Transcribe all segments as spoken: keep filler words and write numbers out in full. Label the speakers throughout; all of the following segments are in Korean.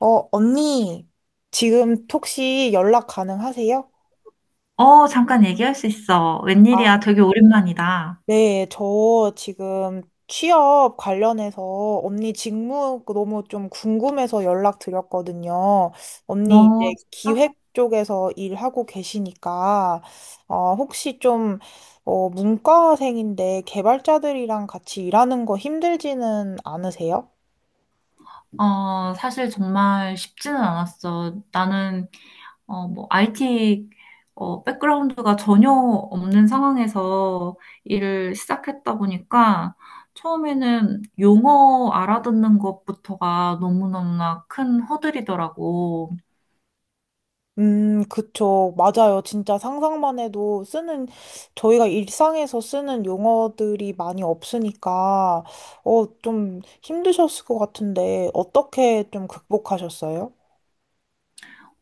Speaker 1: 어, 언니, 지금 혹시 연락 가능하세요?
Speaker 2: 어, 잠깐 얘기할 수 있어.
Speaker 1: 아,
Speaker 2: 웬일이야. 되게 오랜만이다.
Speaker 1: 네, 저 지금 취업 관련해서 언니 직무 그 너무 좀 궁금해서 연락드렸거든요. 언니 이제
Speaker 2: 어, 진짜?
Speaker 1: 기획 쪽에서 일하고 계시니까, 어, 혹시 좀, 어, 문과생인데 개발자들이랑 같이 일하는 거 힘들지는 않으세요?
Speaker 2: 어, 사실 정말 쉽지는 않았어. 나는, 어, 뭐, 아이티, 어, 백그라운드가 전혀 없는 상황에서 일을 시작했다 보니까 처음에는 용어 알아듣는 것부터가 너무너무나 큰 허들이더라고.
Speaker 1: 음, 그쵸. 맞아요. 진짜 상상만 해도 쓰는, 저희가 일상에서 쓰는 용어들이 많이 없으니까, 어, 좀 힘드셨을 것 같은데, 어떻게 좀 극복하셨어요?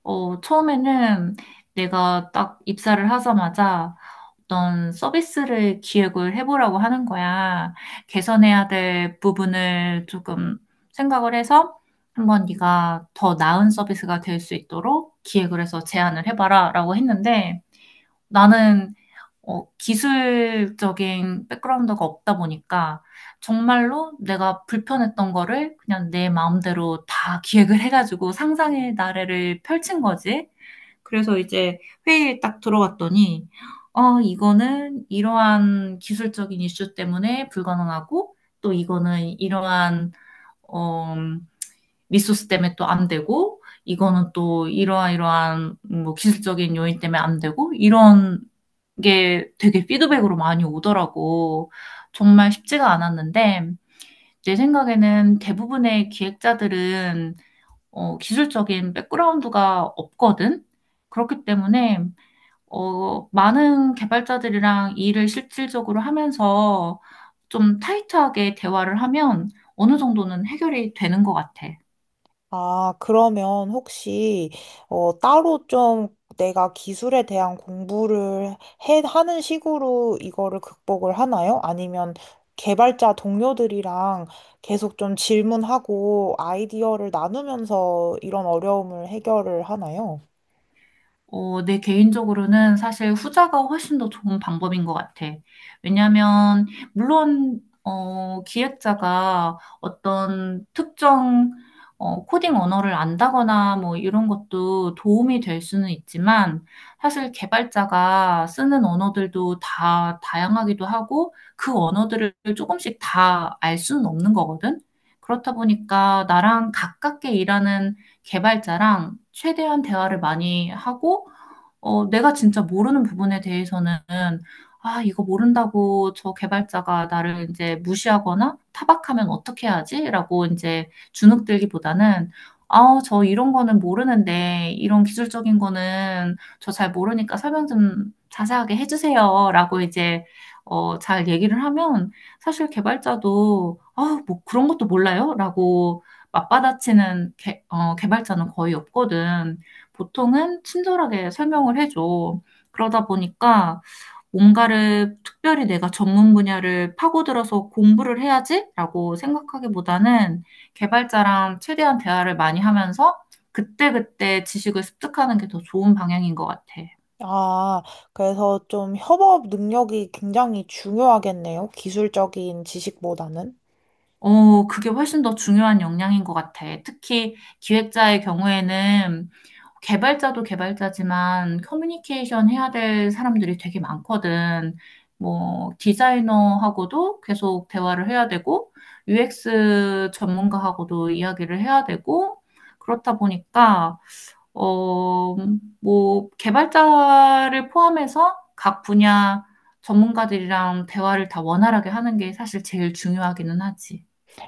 Speaker 2: 어, 처음에는 내가 딱 입사를 하자마자 어떤 서비스를 기획을 해보라고 하는 거야. 개선해야 될 부분을 조금 생각을 해서 한번 네가 더 나은 서비스가 될 수 있도록 기획을 해서 제안을 해봐라라고 했는데 나는 어, 기술적인 백그라운드가 없다 보니까 정말로 내가 불편했던 거를 그냥 내 마음대로 다 기획을 해가지고 상상의 나래를 펼친 거지. 그래서 이제 회의에 딱 들어갔더니, 어, 이거는 이러한 기술적인 이슈 때문에 불가능하고, 또 이거는 이러한, 어, 리소스 때문에 또 안 되고, 이거는 또 이러한 이러한 뭐 기술적인 요인 때문에 안 되고, 이런 게 되게 피드백으로 많이 오더라고. 정말 쉽지가 않았는데, 내 생각에는 대부분의 기획자들은 어, 기술적인 백그라운드가 없거든? 그렇기 때문에 어, 많은 개발자들이랑 일을 실질적으로 하면서 좀 타이트하게 대화를 하면 어느 정도는 해결이 되는 것 같아.
Speaker 1: 아, 그러면 혹시, 어, 따로 좀 내가 기술에 대한 공부를 해, 하는 식으로 이거를 극복을 하나요? 아니면 개발자 동료들이랑 계속 좀 질문하고 아이디어를 나누면서 이런 어려움을 해결을 하나요?
Speaker 2: 어, 내 개인적으로는 사실 후자가 훨씬 더 좋은 방법인 것 같아. 왜냐하면 물론 어, 기획자가 어떤 특정 어, 코딩 언어를 안다거나 뭐 이런 것도 도움이 될 수는 있지만 사실 개발자가 쓰는 언어들도 다 다양하기도 하고 그 언어들을 조금씩 다 알 수는 없는 거거든. 그렇다 보니까 나랑 가깝게 일하는 개발자랑 최대한 대화를 많이 하고 어, 내가 진짜 모르는 부분에 대해서는, 아, 이거 모른다고 저 개발자가 나를 이제 무시하거나 타박하면 어떻게 하지? 라고 이제 주눅 들기보다는, 아, 저 이런 거는 모르는데, 이런 기술적인 거는 저 잘 모르니까 설명 좀 자세하게 해주세요. 라고 이제, 어, 잘 얘기를 하면, 사실 개발자도, 아, 뭐 그런 것도 몰라요? 라고 맞받아치는 개, 어, 개발자는 거의 없거든. 보통은 친절하게 설명을 해줘. 그러다 보니까 뭔가를 특별히 내가 전문 분야를 파고들어서 공부를 해야지라고 생각하기보다는 개발자랑 최대한 대화를 많이 하면서 그때그때 지식을 습득하는 게 더 좋은 방향인 것 같아.
Speaker 1: 아, 그래서 좀 협업 능력이 굉장히 중요하겠네요. 기술적인 지식보다는.
Speaker 2: 어, 그게 훨씬 더 중요한 역량인 것 같아. 특히 기획자의 경우에는 개발자도 개발자지만 커뮤니케이션 해야 될 사람들이 되게 많거든. 뭐, 디자이너하고도 계속 대화를 해야 되고, 유엑스 전문가하고도 이야기를 해야 되고, 그렇다 보니까, 어, 뭐, 개발자를 포함해서 각 분야 전문가들이랑 대화를 다 원활하게 하는 게 사실 제일 중요하기는 하지.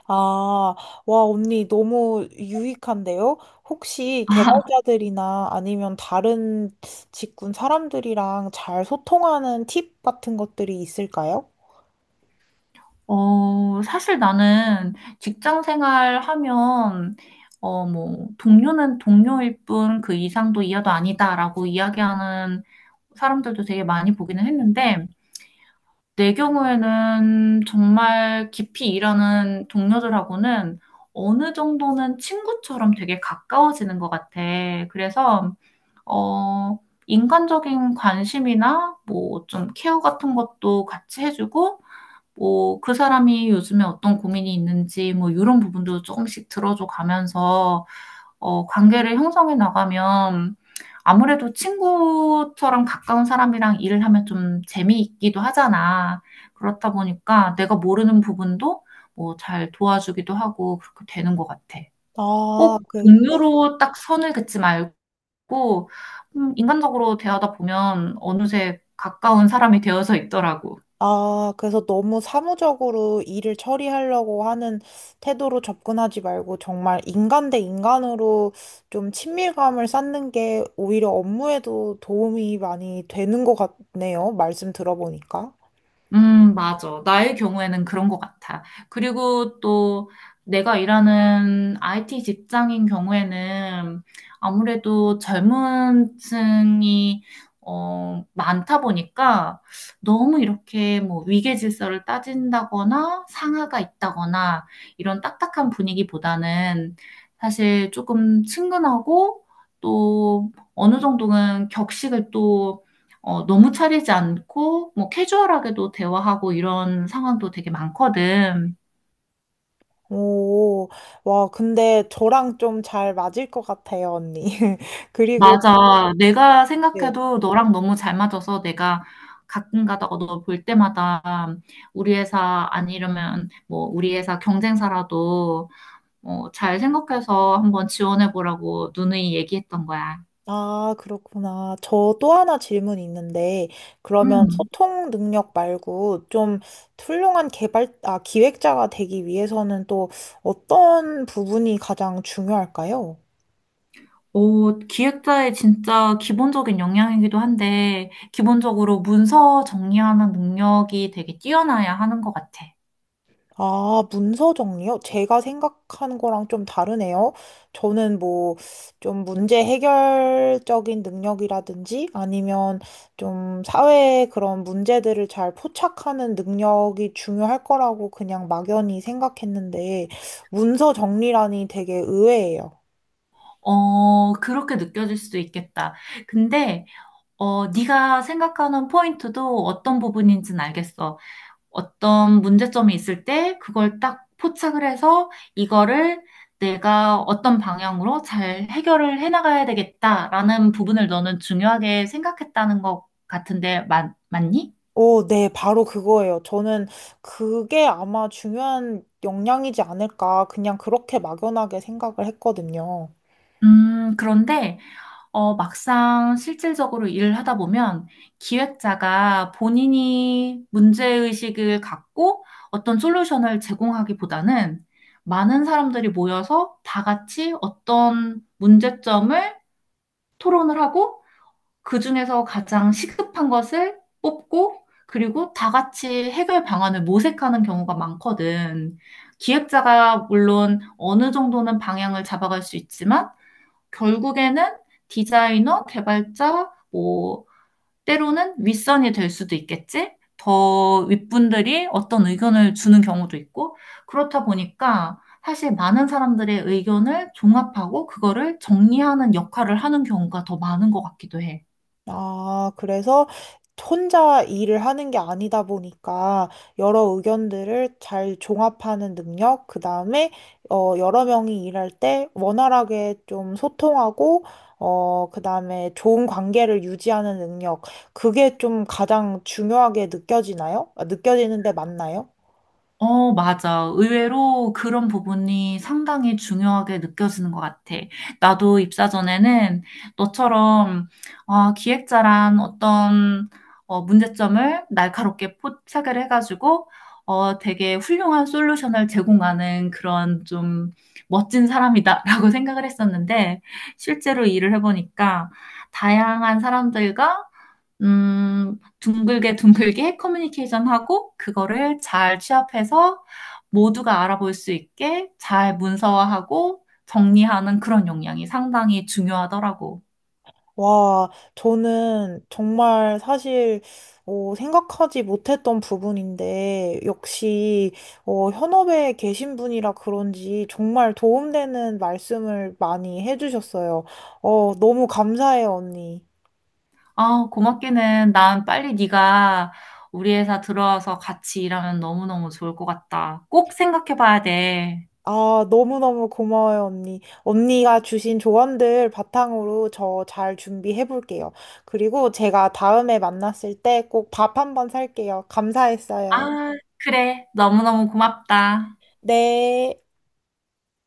Speaker 1: 아, 와, 언니, 너무 유익한데요? 혹시 개발자들이나 아니면 다른 직군 사람들이랑 잘 소통하는 팁 같은 것들이 있을까요?
Speaker 2: 어, 사실 나는 직장 생활 하면, 어, 뭐, 동료는 동료일 뿐 그 이상도 이하도 아니다라고 이야기하는 사람들도 되게 많이 보기는 했는데, 내 경우에는 정말 깊이 일하는 동료들하고는 어느 정도는 친구처럼 되게 가까워지는 것 같아. 그래서, 어, 인간적인 관심이나 뭐 좀 케어 같은 것도 같이 해주고, 뭐, 그 사람이 요즘에 어떤 고민이 있는지, 뭐, 이런 부분도 조금씩 들어줘 가면서, 어, 관계를 형성해 나가면, 아무래도 친구처럼 가까운 사람이랑 일을 하면 좀 재미있기도 하잖아. 그렇다 보니까 내가 모르는 부분도 뭐 잘 도와주기도 하고 그렇게 되는 것 같아.
Speaker 1: 아,
Speaker 2: 꼭
Speaker 1: 그, 네.
Speaker 2: 동료로 딱 선을 긋지 말고, 음, 인간적으로 대하다 보면 어느새 가까운 사람이 되어서 있더라고.
Speaker 1: 아, 그래서 너무 사무적으로 일을 처리하려고 하는 태도로 접근하지 말고 정말 인간 대 인간으로 좀 친밀감을 쌓는 게 오히려 업무에도 도움이 많이 되는 것 같네요. 말씀 들어보니까.
Speaker 2: 음, 맞아. 나의 경우에는 그런 것 같아. 그리고 또 내가 일하는 아이티 직장인 경우에는 아무래도 젊은 층이 어, 많다 보니까 너무 이렇게 뭐 위계 질서를 따진다거나 상하가 있다거나 이런 딱딱한 분위기보다는 사실 조금 친근하고 또 어느 정도는 격식을 또 어, 너무 차리지 않고, 뭐, 캐주얼하게도 대화하고 이런 상황도 되게 많거든.
Speaker 1: 오, 와, 근데 저랑 좀 잘 맞을 것 같아요, 언니. 그리고,
Speaker 2: 맞아. 내가
Speaker 1: 네.
Speaker 2: 생각해도 너랑 너무 잘 맞아서 내가 가끔 가다가 너 볼 때마다 우리 회사 아니려면 뭐, 우리 회사 경쟁사라도 어, 잘 생각해서 한번 지원해 보라고 누누이 얘기했던 거야.
Speaker 1: 아, 그렇구나. 저 또 하나 질문 있는데, 그러면
Speaker 2: 음.
Speaker 1: 소통 능력 말고 좀 훌륭한 개발, 아, 기획자가 되기 위해서는 또 어떤 부분이 가장 중요할까요?
Speaker 2: 어, 기획자의 진짜 기본적인 역량이기도 한데, 기본적으로 문서 정리하는 능력이 되게 뛰어나야 하는 것 같아.
Speaker 1: 아, 문서 정리요? 제가 생각한 거랑 좀 다르네요. 저는 뭐, 좀 문제 해결적인 능력이라든지 아니면 좀 사회의 그런 문제들을 잘 포착하는 능력이 중요할 거라고 그냥 막연히 생각했는데, 문서 정리라니 되게 의외예요.
Speaker 2: 어, 그렇게 느껴질 수도 있겠다. 근데, 어, 네가 생각하는 포인트도 어떤 부분인지는 알겠어. 어떤 문제점이 있을 때 그걸 딱 포착을 해서 이거를 내가 어떤 방향으로 잘 해결을 해나가야 되겠다라는 부분을 너는 중요하게 생각했다는 것 같은데, 맞, 맞니?
Speaker 1: 오, 네, 바로 그거예요. 저는 그게 아마 중요한 역량이지 않을까. 그냥 그렇게 막연하게 생각을 했거든요.
Speaker 2: 음, 그런데 어, 막상 실질적으로 일을 하다 보면 기획자가 본인이 문제의식을 갖고 어떤 솔루션을 제공하기보다는 많은 사람들이 모여서 다 같이 어떤 문제점을 토론을 하고 그중에서 가장 시급한 것을 뽑고 그리고 다 같이 해결 방안을 모색하는 경우가 많거든. 기획자가 물론 어느 정도는 방향을 잡아갈 수 있지만 결국에는 디자이너, 개발자, 뭐, 때로는 윗선이 될 수도 있겠지? 더 윗분들이 어떤 의견을 주는 경우도 있고, 그렇다 보니까 사실 많은 사람들의 의견을 종합하고 그거를 정리하는 역할을 하는 경우가 더 많은 것 같기도 해.
Speaker 1: 아, 그래서 혼자 일을 하는 게 아니다 보니까 여러 의견들을 잘 종합하는 능력, 그 다음에 어, 여러 명이 일할 때 원활하게 좀 소통하고, 어, 그 다음에 좋은 관계를 유지하는 능력, 그게 좀 가장 중요하게 느껴지나요? 아, 느껴지는데 맞나요?
Speaker 2: 어, 맞아. 의외로 그런 부분이 상당히 중요하게 느껴지는 것 같아. 나도 입사 전에는 너처럼 아, 기획자란 어떤 어, 문제점을 날카롭게 포착을 해가지고 어, 되게 훌륭한 솔루션을 제공하는 그런 좀 멋진 사람이다라고 생각을 했었는데 실제로 일을 해보니까 다양한 사람들과 음, 둥글게 둥글게 커뮤니케이션 하고, 그거를 잘 취합해서 모두가 알아볼 수 있게 잘 문서화하고 정리하는 그런 역량이 상당히 중요하더라고.
Speaker 1: 와, 저는 정말 사실, 어, 생각하지 못했던 부분인데, 역시, 어, 현업에 계신 분이라 그런지 정말 도움되는 말씀을 많이 해주셨어요. 어, 너무 감사해요, 언니.
Speaker 2: 아, 고맙기는 난 빨리 네가 우리 회사 들어와서 같이 일하면 너무너무 좋을 것 같다. 꼭 생각해 봐야 돼.
Speaker 1: 아, 너무너무 고마워요, 언니. 언니가 주신 조언들 바탕으로 저 잘 준비해 볼게요. 그리고 제가 다음에 만났을 때 꼭 밥 한번 살게요. 감사했어요.
Speaker 2: 아, 그래. 너무너무 고맙다.
Speaker 1: 네.